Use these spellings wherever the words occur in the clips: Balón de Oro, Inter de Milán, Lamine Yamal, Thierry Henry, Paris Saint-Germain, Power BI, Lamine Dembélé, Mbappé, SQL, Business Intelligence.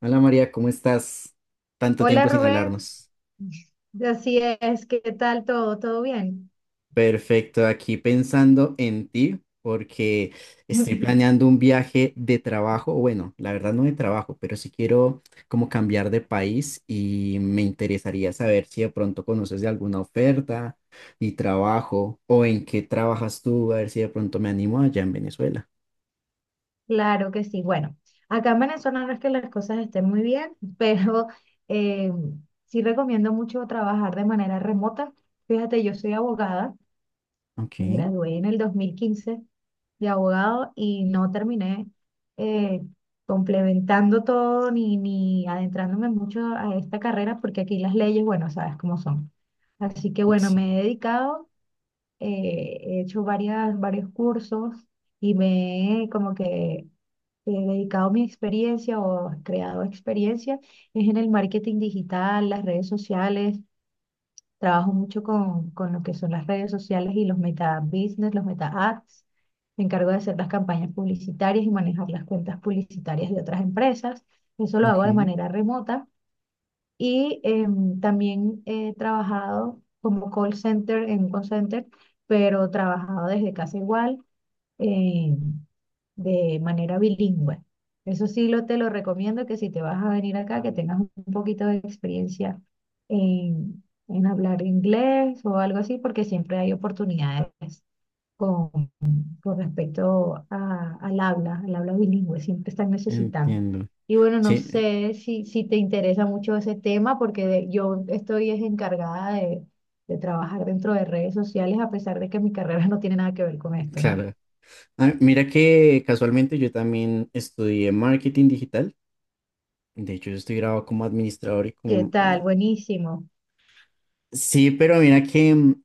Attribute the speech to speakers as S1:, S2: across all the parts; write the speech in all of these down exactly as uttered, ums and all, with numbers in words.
S1: Hola María, ¿cómo estás? Tanto
S2: Hola
S1: tiempo sin
S2: Rubén,
S1: hablarnos.
S2: así es, ¿qué tal todo? ¿Todo bien?
S1: Perfecto, aquí pensando en ti porque estoy planeando un viaje de trabajo, bueno, la verdad no de trabajo, pero sí quiero como cambiar de país y me interesaría saber si de pronto conoces de alguna oferta y trabajo o en qué trabajas tú, a ver si de pronto me animo allá en Venezuela.
S2: Claro que sí. Bueno, acá en Venezuela no es que las cosas estén muy bien, pero eh, sí recomiendo mucho trabajar de manera remota. Fíjate, yo soy abogada,
S1: Ok,
S2: me gradué en el dos mil quince de abogado y no terminé eh, complementando todo ni, ni adentrándome mucho a esta carrera porque aquí las leyes, bueno, sabes cómo son. Así que bueno,
S1: sí,
S2: me he dedicado, eh, he hecho varias, varios cursos y me he como que he dedicado mi experiencia o creado experiencia es en el marketing digital, las redes sociales. Trabajo mucho con, con lo que son las redes sociales y los meta business, los meta ads. Me encargo de hacer las campañas publicitarias y manejar las cuentas publicitarias de otras empresas. Eso lo
S1: ok,
S2: hago de manera remota. Y em, también he trabajado como call center en un call center, pero trabajado desde casa igual, eh, de manera bilingüe. Eso sí lo, te lo recomiendo que si te vas a venir acá, que tengas un poquito de experiencia en, en hablar inglés o algo así, porque siempre hay oportunidades con respecto a- al habla, al habla bilingüe, siempre están necesitando.
S1: entiendo.
S2: Y bueno, no
S1: Sí,
S2: sé si, si te interesa mucho ese tema, porque de- yo estoy es encargada de, de trabajar dentro de redes sociales, a pesar de que mi carrera no tiene nada que ver con esto, ¿no?
S1: claro. Ah, mira que casualmente yo también estudié marketing digital. De hecho, yo estoy grabado como administrador y
S2: ¿Qué
S1: como... eh,
S2: tal? Buenísimo.
S1: Sí, pero mira que mm,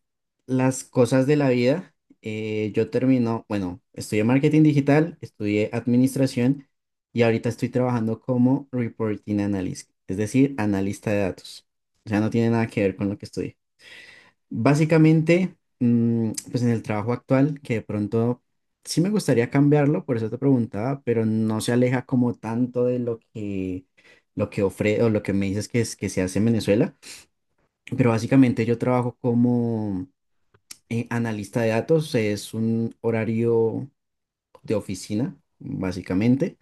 S1: las cosas de la vida, eh, yo termino, bueno, estudié marketing digital, estudié administración y ahorita estoy trabajando como reporting analyst, es decir, analista de datos. O sea, no tiene nada que ver con lo que estudié. Básicamente, mm, pues en el trabajo actual, que de pronto sí me gustaría cambiarlo, por eso te preguntaba, pero no se aleja como tanto de lo que, lo que ofre o lo que me dices que, es, que se hace en Venezuela. Pero básicamente yo trabajo como eh, analista de datos, es un horario de oficina, básicamente,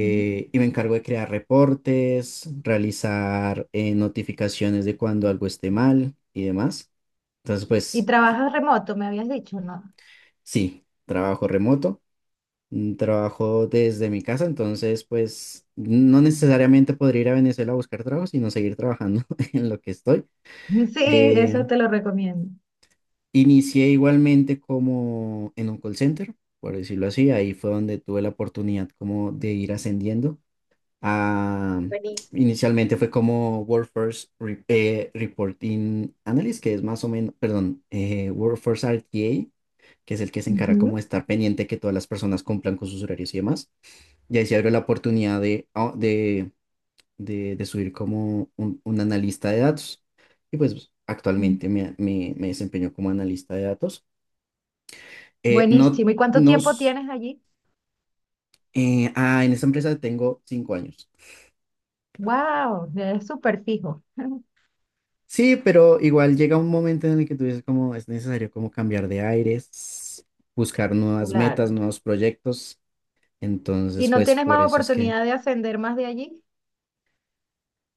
S2: Ujú.
S1: y me encargo de crear reportes, realizar eh, notificaciones de cuando algo esté mal y demás. Entonces,
S2: Y
S1: pues.
S2: trabajas remoto, me habías dicho, ¿no?
S1: Sí, trabajo remoto, mm, trabajo desde mi casa, entonces pues no necesariamente podría ir a Venezuela a buscar trabajo, sino seguir trabajando en lo que estoy.
S2: Sí, eso
S1: Eh,
S2: te lo recomiendo.
S1: Inicié igualmente como en un call center, por decirlo así, ahí fue donde tuve la oportunidad como de ir ascendiendo. a-
S2: Buenísimo.
S1: Inicialmente fue como Workforce Re- eh, Reporting Analyst, que es más o menos, perdón, eh, Workforce R T A. Que es el que se encarga como
S2: Ujú.
S1: de estar pendiente que todas las personas cumplan con sus horarios y demás. Y ahí se abrió la oportunidad de, ah, de, de, de subir como un, un analista de datos. Y pues
S2: Mm.
S1: actualmente me, me, me desempeño como analista de datos. Eh,
S2: Buenísimo.
S1: no
S2: ¿Y cuánto tiempo
S1: nos...
S2: tienes allí?
S1: eh, ah, en esta empresa tengo cinco años.
S2: Wow, es súper fijo.
S1: Sí, pero igual llega un momento en el que tú dices como es necesario como cambiar de aires, buscar nuevas metas,
S2: Claro.
S1: nuevos proyectos.
S2: Y
S1: Entonces,
S2: no
S1: pues.
S2: tienes
S1: Por
S2: más
S1: eso es que
S2: oportunidad de ascender más de allí,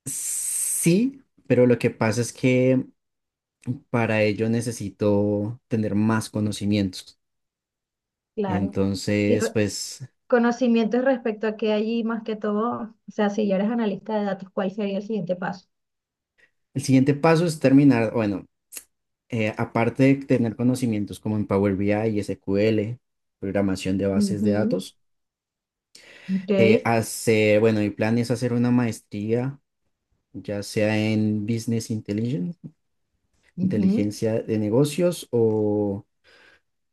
S1: Sí, pero lo que pasa es que para ello necesito tener más conocimientos.
S2: claro. Y
S1: Entonces,
S2: re-
S1: pues.
S2: Conocimientos respecto a que allí, más que todo, o sea, si ya eres analista de datos, ¿cuál sería el siguiente paso?
S1: El siguiente paso es terminar, bueno, eh, aparte de tener conocimientos como en Power B I, sequel, programación de bases de
S2: Ujú,
S1: datos, eh,
S2: ok,
S1: hacer, bueno, mi plan es hacer una maestría, ya sea en Business Intelligence,
S2: ujú,
S1: inteligencia de negocios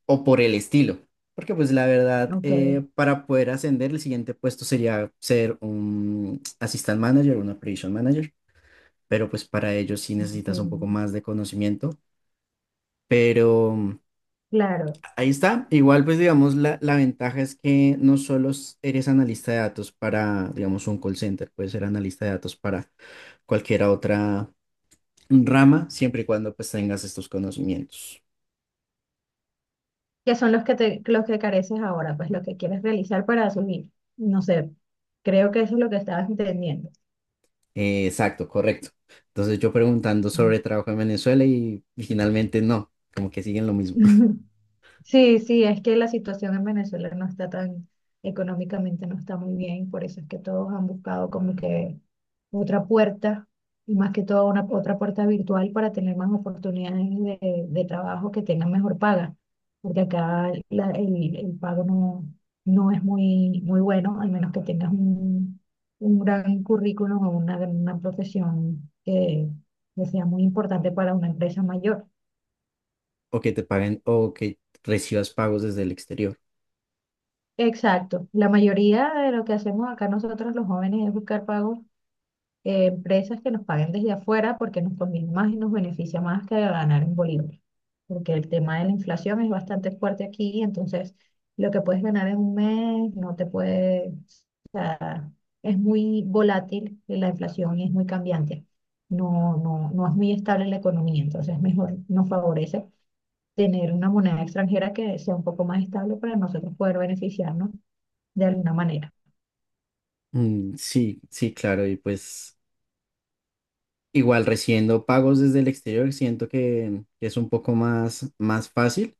S1: o por el estilo. Porque pues la verdad,
S2: ok,
S1: eh, para poder ascender, el siguiente puesto sería ser un assistant manager, un operation manager, pero pues para ello sí necesitas un poco
S2: ok,
S1: más de conocimiento. Pero mm,
S2: claro,
S1: ahí está. Igual pues digamos, la, la ventaja es que no solo s- eres analista de datos para, digamos, un call center, puedes ser analista de datos para cualquier otra rama, siempre y cuando pues tengas estos conocimientos.
S2: que son los que te, los que careces ahora, pues lo que quieres realizar para asumir. No sé, creo que eso es lo que estabas entendiendo.
S1: Eh, exacto, correcto. Entonces yo preguntando sobre trabajo en Venezuela y, finalmente no, como que siguen lo mismo.
S2: Mm. Sí, sí, es que la situación en Venezuela no está tan, económicamente no está muy bien, por eso es que todos han buscado como que otra puerta, y más que todo una otra puerta virtual para tener más oportunidades de, de trabajo que tengan mejor paga, porque acá la- el, el pago no, no es muy, muy bueno, al menos que tengas un, un gran currículum o una, gran- una profesión que, que sea muy importante para una empresa mayor.
S1: O que te paguen o que recibas pagos desde el exterior.
S2: Exacto. La mayoría de lo que hacemos acá nosotros los jóvenes es buscar pagos, eh, empresas que nos paguen desde afuera porque nos conviene más y nos beneficia más que ganar en bolívares. Porque el tema de la inflación es bastante fuerte aquí, entonces lo que puedes ganar en un mes no te puede, o sea, es muy volátil la inflación y es muy cambiante. No, no, no es muy estable la economía, entonces mejor nos favorece tener una moneda extranjera que sea un poco más estable para nosotros poder beneficiarnos de alguna manera.
S1: Mm, sí, sí, claro. Y pues igual recibiendo pagos desde el exterior siento que es un poco más, más fácil.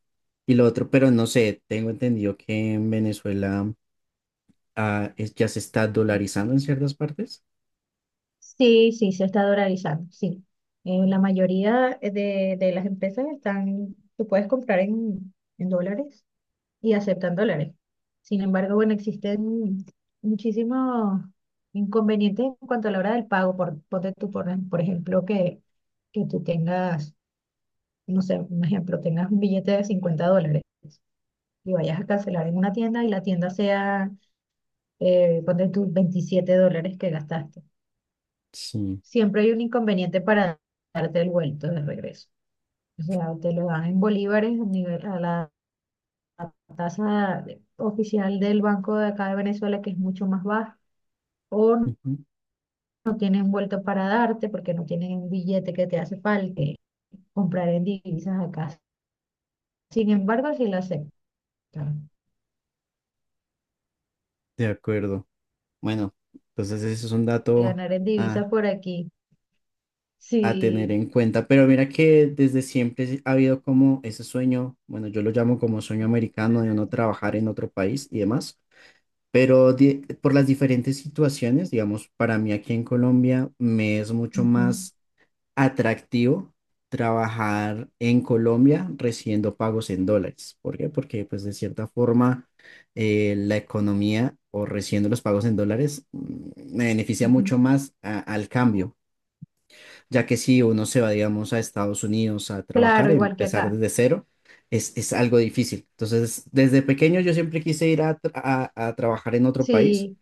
S1: Y lo otro, pero no sé, tengo entendido que en Venezuela ah, es- ya se está dolarizando en ciertas partes.
S2: Sí, sí, se está dolarizando, sí. Eh, la mayoría eh, de, de las empresas están, tú puedes comprar en, en dólares y aceptan dólares. Sin embargo, bueno, existen muchísimos inconvenientes en cuanto a la hora del pago. Por, ponte tú, por, por ejemplo, que, que tú tengas, no sé, un ejemplo, tengas un billete de cincuenta dólares y vayas a cancelar en una tienda y la tienda sea, eh, ponte tú, veintisiete dólares que gastaste,
S1: Sí,
S2: siempre hay un inconveniente para darte el vuelto de regreso. O sea, te lo dan en bolívares a nivel- a la tasa de- oficial del banco de acá de Venezuela, que es mucho más baja, o no,
S1: ujú,
S2: no tienen vuelto para darte porque no tienen un billete que te hace falta comprar en divisas acá. Sin embargo, si lo aceptan.
S1: de acuerdo. Bueno, entonces ese es un
S2: De
S1: dato.
S2: ganar en divisas
S1: ah,
S2: por aquí,
S1: a tener
S2: sí.
S1: en cuenta. Pero mira que desde siempre ha habido como ese sueño, bueno, yo lo llamo como sueño americano de uno trabajar en otro país y demás, pero di- por las diferentes situaciones, digamos, para mí aquí en Colombia me es mucho
S2: Ujú,
S1: más atractivo trabajar en Colombia recibiendo pagos en dólares. ¿Por qué? Porque pues de cierta forma eh, la economía o recibiendo los pagos en dólares, mm, me beneficia
S2: ujú.
S1: mucho más a- al cambio ya que si uno se va, digamos, a Estados Unidos a trabajar,
S2: Claro, igual que
S1: empezar
S2: acá.
S1: desde cero, es, es algo difícil. Entonces, desde pequeño yo siempre quise ir a, tra- a, a trabajar en otro país,
S2: Sí,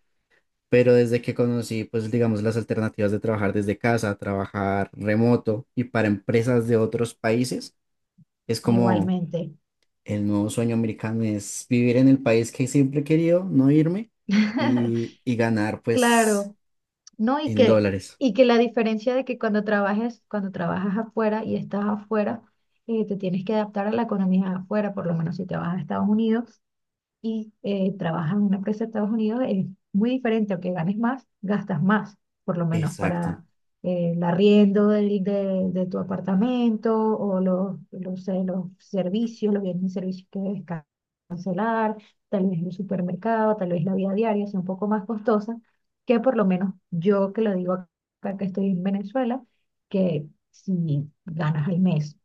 S1: pero desde que conocí, pues, digamos, las alternativas de trabajar desde casa, trabajar remoto y para empresas de otros países, es como
S2: igualmente.
S1: el nuevo sueño americano, es vivir en el país que siempre he querido, no irme y, y ganar, pues,
S2: Claro. ¿No? Y
S1: en
S2: que,
S1: dólares.
S2: y que la diferencia de que cuando trabajes, cuando trabajas afuera y estás afuera, eh, te tienes que adaptar a la economía afuera, por lo menos si te vas a Estados Unidos, y eh, trabajas en una empresa de Estados Unidos, es muy diferente, aunque ganes más, gastas más, por lo menos
S1: Exacto.
S2: para eh, el arriendo del- de, de tu apartamento o los, los, eh, los servicios, los bienes y servicios que debes ca- cancelar, tal vez el supermercado, tal vez la vida diaria sea un poco más costosa, que por lo menos yo que lo digo acá que estoy en Venezuela, que si ganas al mes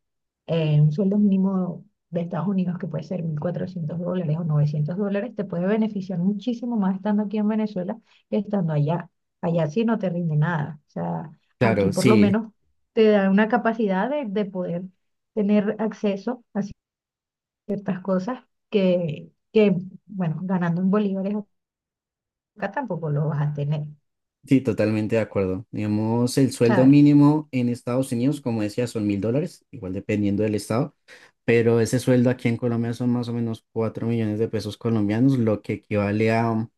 S2: eh, un sueldo mínimo de Estados Unidos, que puede ser mil cuatrocientos dólares o novecientos dólares, te puede beneficiar muchísimo más estando aquí en Venezuela que estando allá. Allá sí no te rinde nada. O sea, aquí
S1: Claro,
S2: por lo
S1: sí.
S2: menos te da una capacidad de, de poder tener acceso a ciertas cosas que, que, bueno, ganando en bolívares acá tampoco lo vas a tener,
S1: Sí, totalmente de acuerdo. Digamos, el sueldo
S2: ¿sabes?
S1: mínimo en Estados Unidos, como decía, son mil dólares, igual dependiendo del estado, pero ese sueldo aquí en Colombia son más o menos cuatro millones de pesos colombianos, lo que equivale a un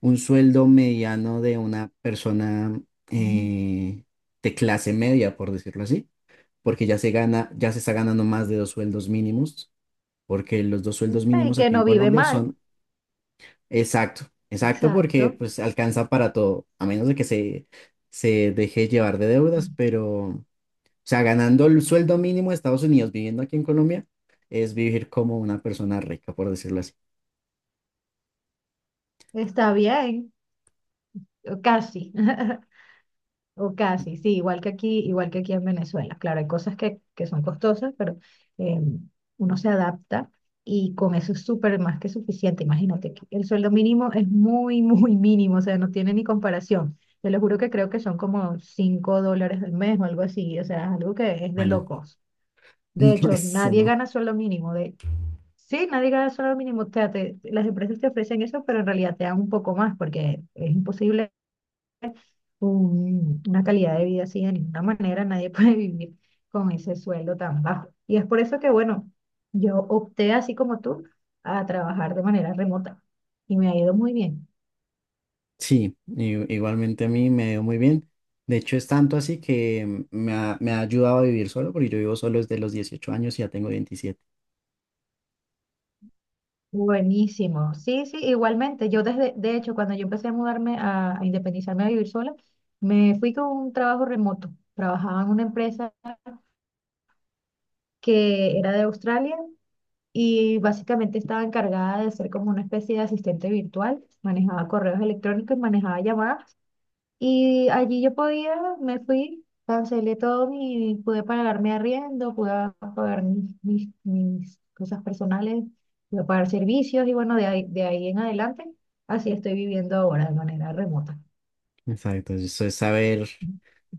S1: un sueldo mediano de una persona
S2: Mm.
S1: eh, de clase media, por decirlo así, porque ya se gana, ya se está ganando más de dos sueldos mínimos, porque los dos sueldos
S2: El
S1: mínimos
S2: que
S1: aquí en
S2: no vive
S1: Colombia
S2: mal,
S1: son. Exacto, exacto, porque
S2: exacto,
S1: pues alcanza para todo, a menos de que se, se deje llevar de deudas, pero, o sea, ganando el sueldo mínimo de Estados Unidos, viviendo aquí en Colombia, es vivir como una persona rica, por decirlo así.
S2: está bien, casi. O casi, sí, igual que aquí, igual que aquí en Venezuela. Claro, hay cosas que, que son costosas, pero eh, uno se adapta y con eso es súper más que suficiente. Imagínate, aquí el sueldo mínimo es muy, muy mínimo, o sea, no tiene ni comparación. Te lo juro que creo que son como cinco dólares al mes o algo así, o sea, es algo que es de
S1: Bueno,
S2: locos. De
S1: no,
S2: hecho,
S1: eso
S2: nadie
S1: no.
S2: gana sueldo mínimo. De... Sí, nadie gana sueldo mínimo. O sea, te- las empresas te ofrecen eso, pero en realidad te dan un poco más porque es imposible un- una calidad de vida así, de ninguna manera nadie puede vivir con ese sueldo tan bajo. Y es por eso que, bueno, yo opté así como tú a trabajar de manera remota y me ha ido muy bien.
S1: Sí, i- igualmente a mí me dio muy bien. De hecho, es tanto así que me ha, me ha ayudado a vivir solo, porque yo vivo solo desde los dieciocho años y ya tengo veintisiete.
S2: Buenísimo. Sí, sí, igualmente. Yo desde, de hecho, cuando yo empecé a mudarme, a, a independizarme, a vivir sola, me fui con un trabajo remoto. Trabajaba en una empresa que era de Australia y básicamente estaba encargada de ser como una especie de asistente virtual. Manejaba correos electrónicos, manejaba llamadas. Y allí yo podía, me fui, cancelé todo y pude pagar mi arriendo, pude pagar mis, mis, mis cosas personales, pude pagar servicios y bueno, de ahí, de ahí en adelante, así estoy viviendo ahora de manera remota.
S1: Exacto, eso es saber,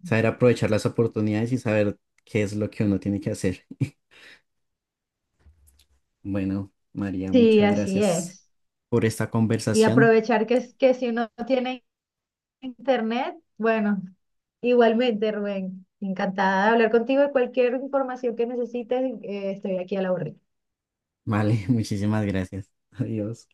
S1: saber aprovechar las oportunidades y saber qué es lo que uno tiene que hacer. Bueno, María,
S2: Sí,
S1: muchas
S2: así
S1: gracias
S2: es.
S1: por esta
S2: Y
S1: conversación.
S2: aprovechar que, es- que si uno tiene internet, bueno, igualmente, Rubén, encantada de hablar contigo y cualquier información que necesites, eh, estoy aquí a la orden.
S1: Vale, muchísimas gracias. Adiós.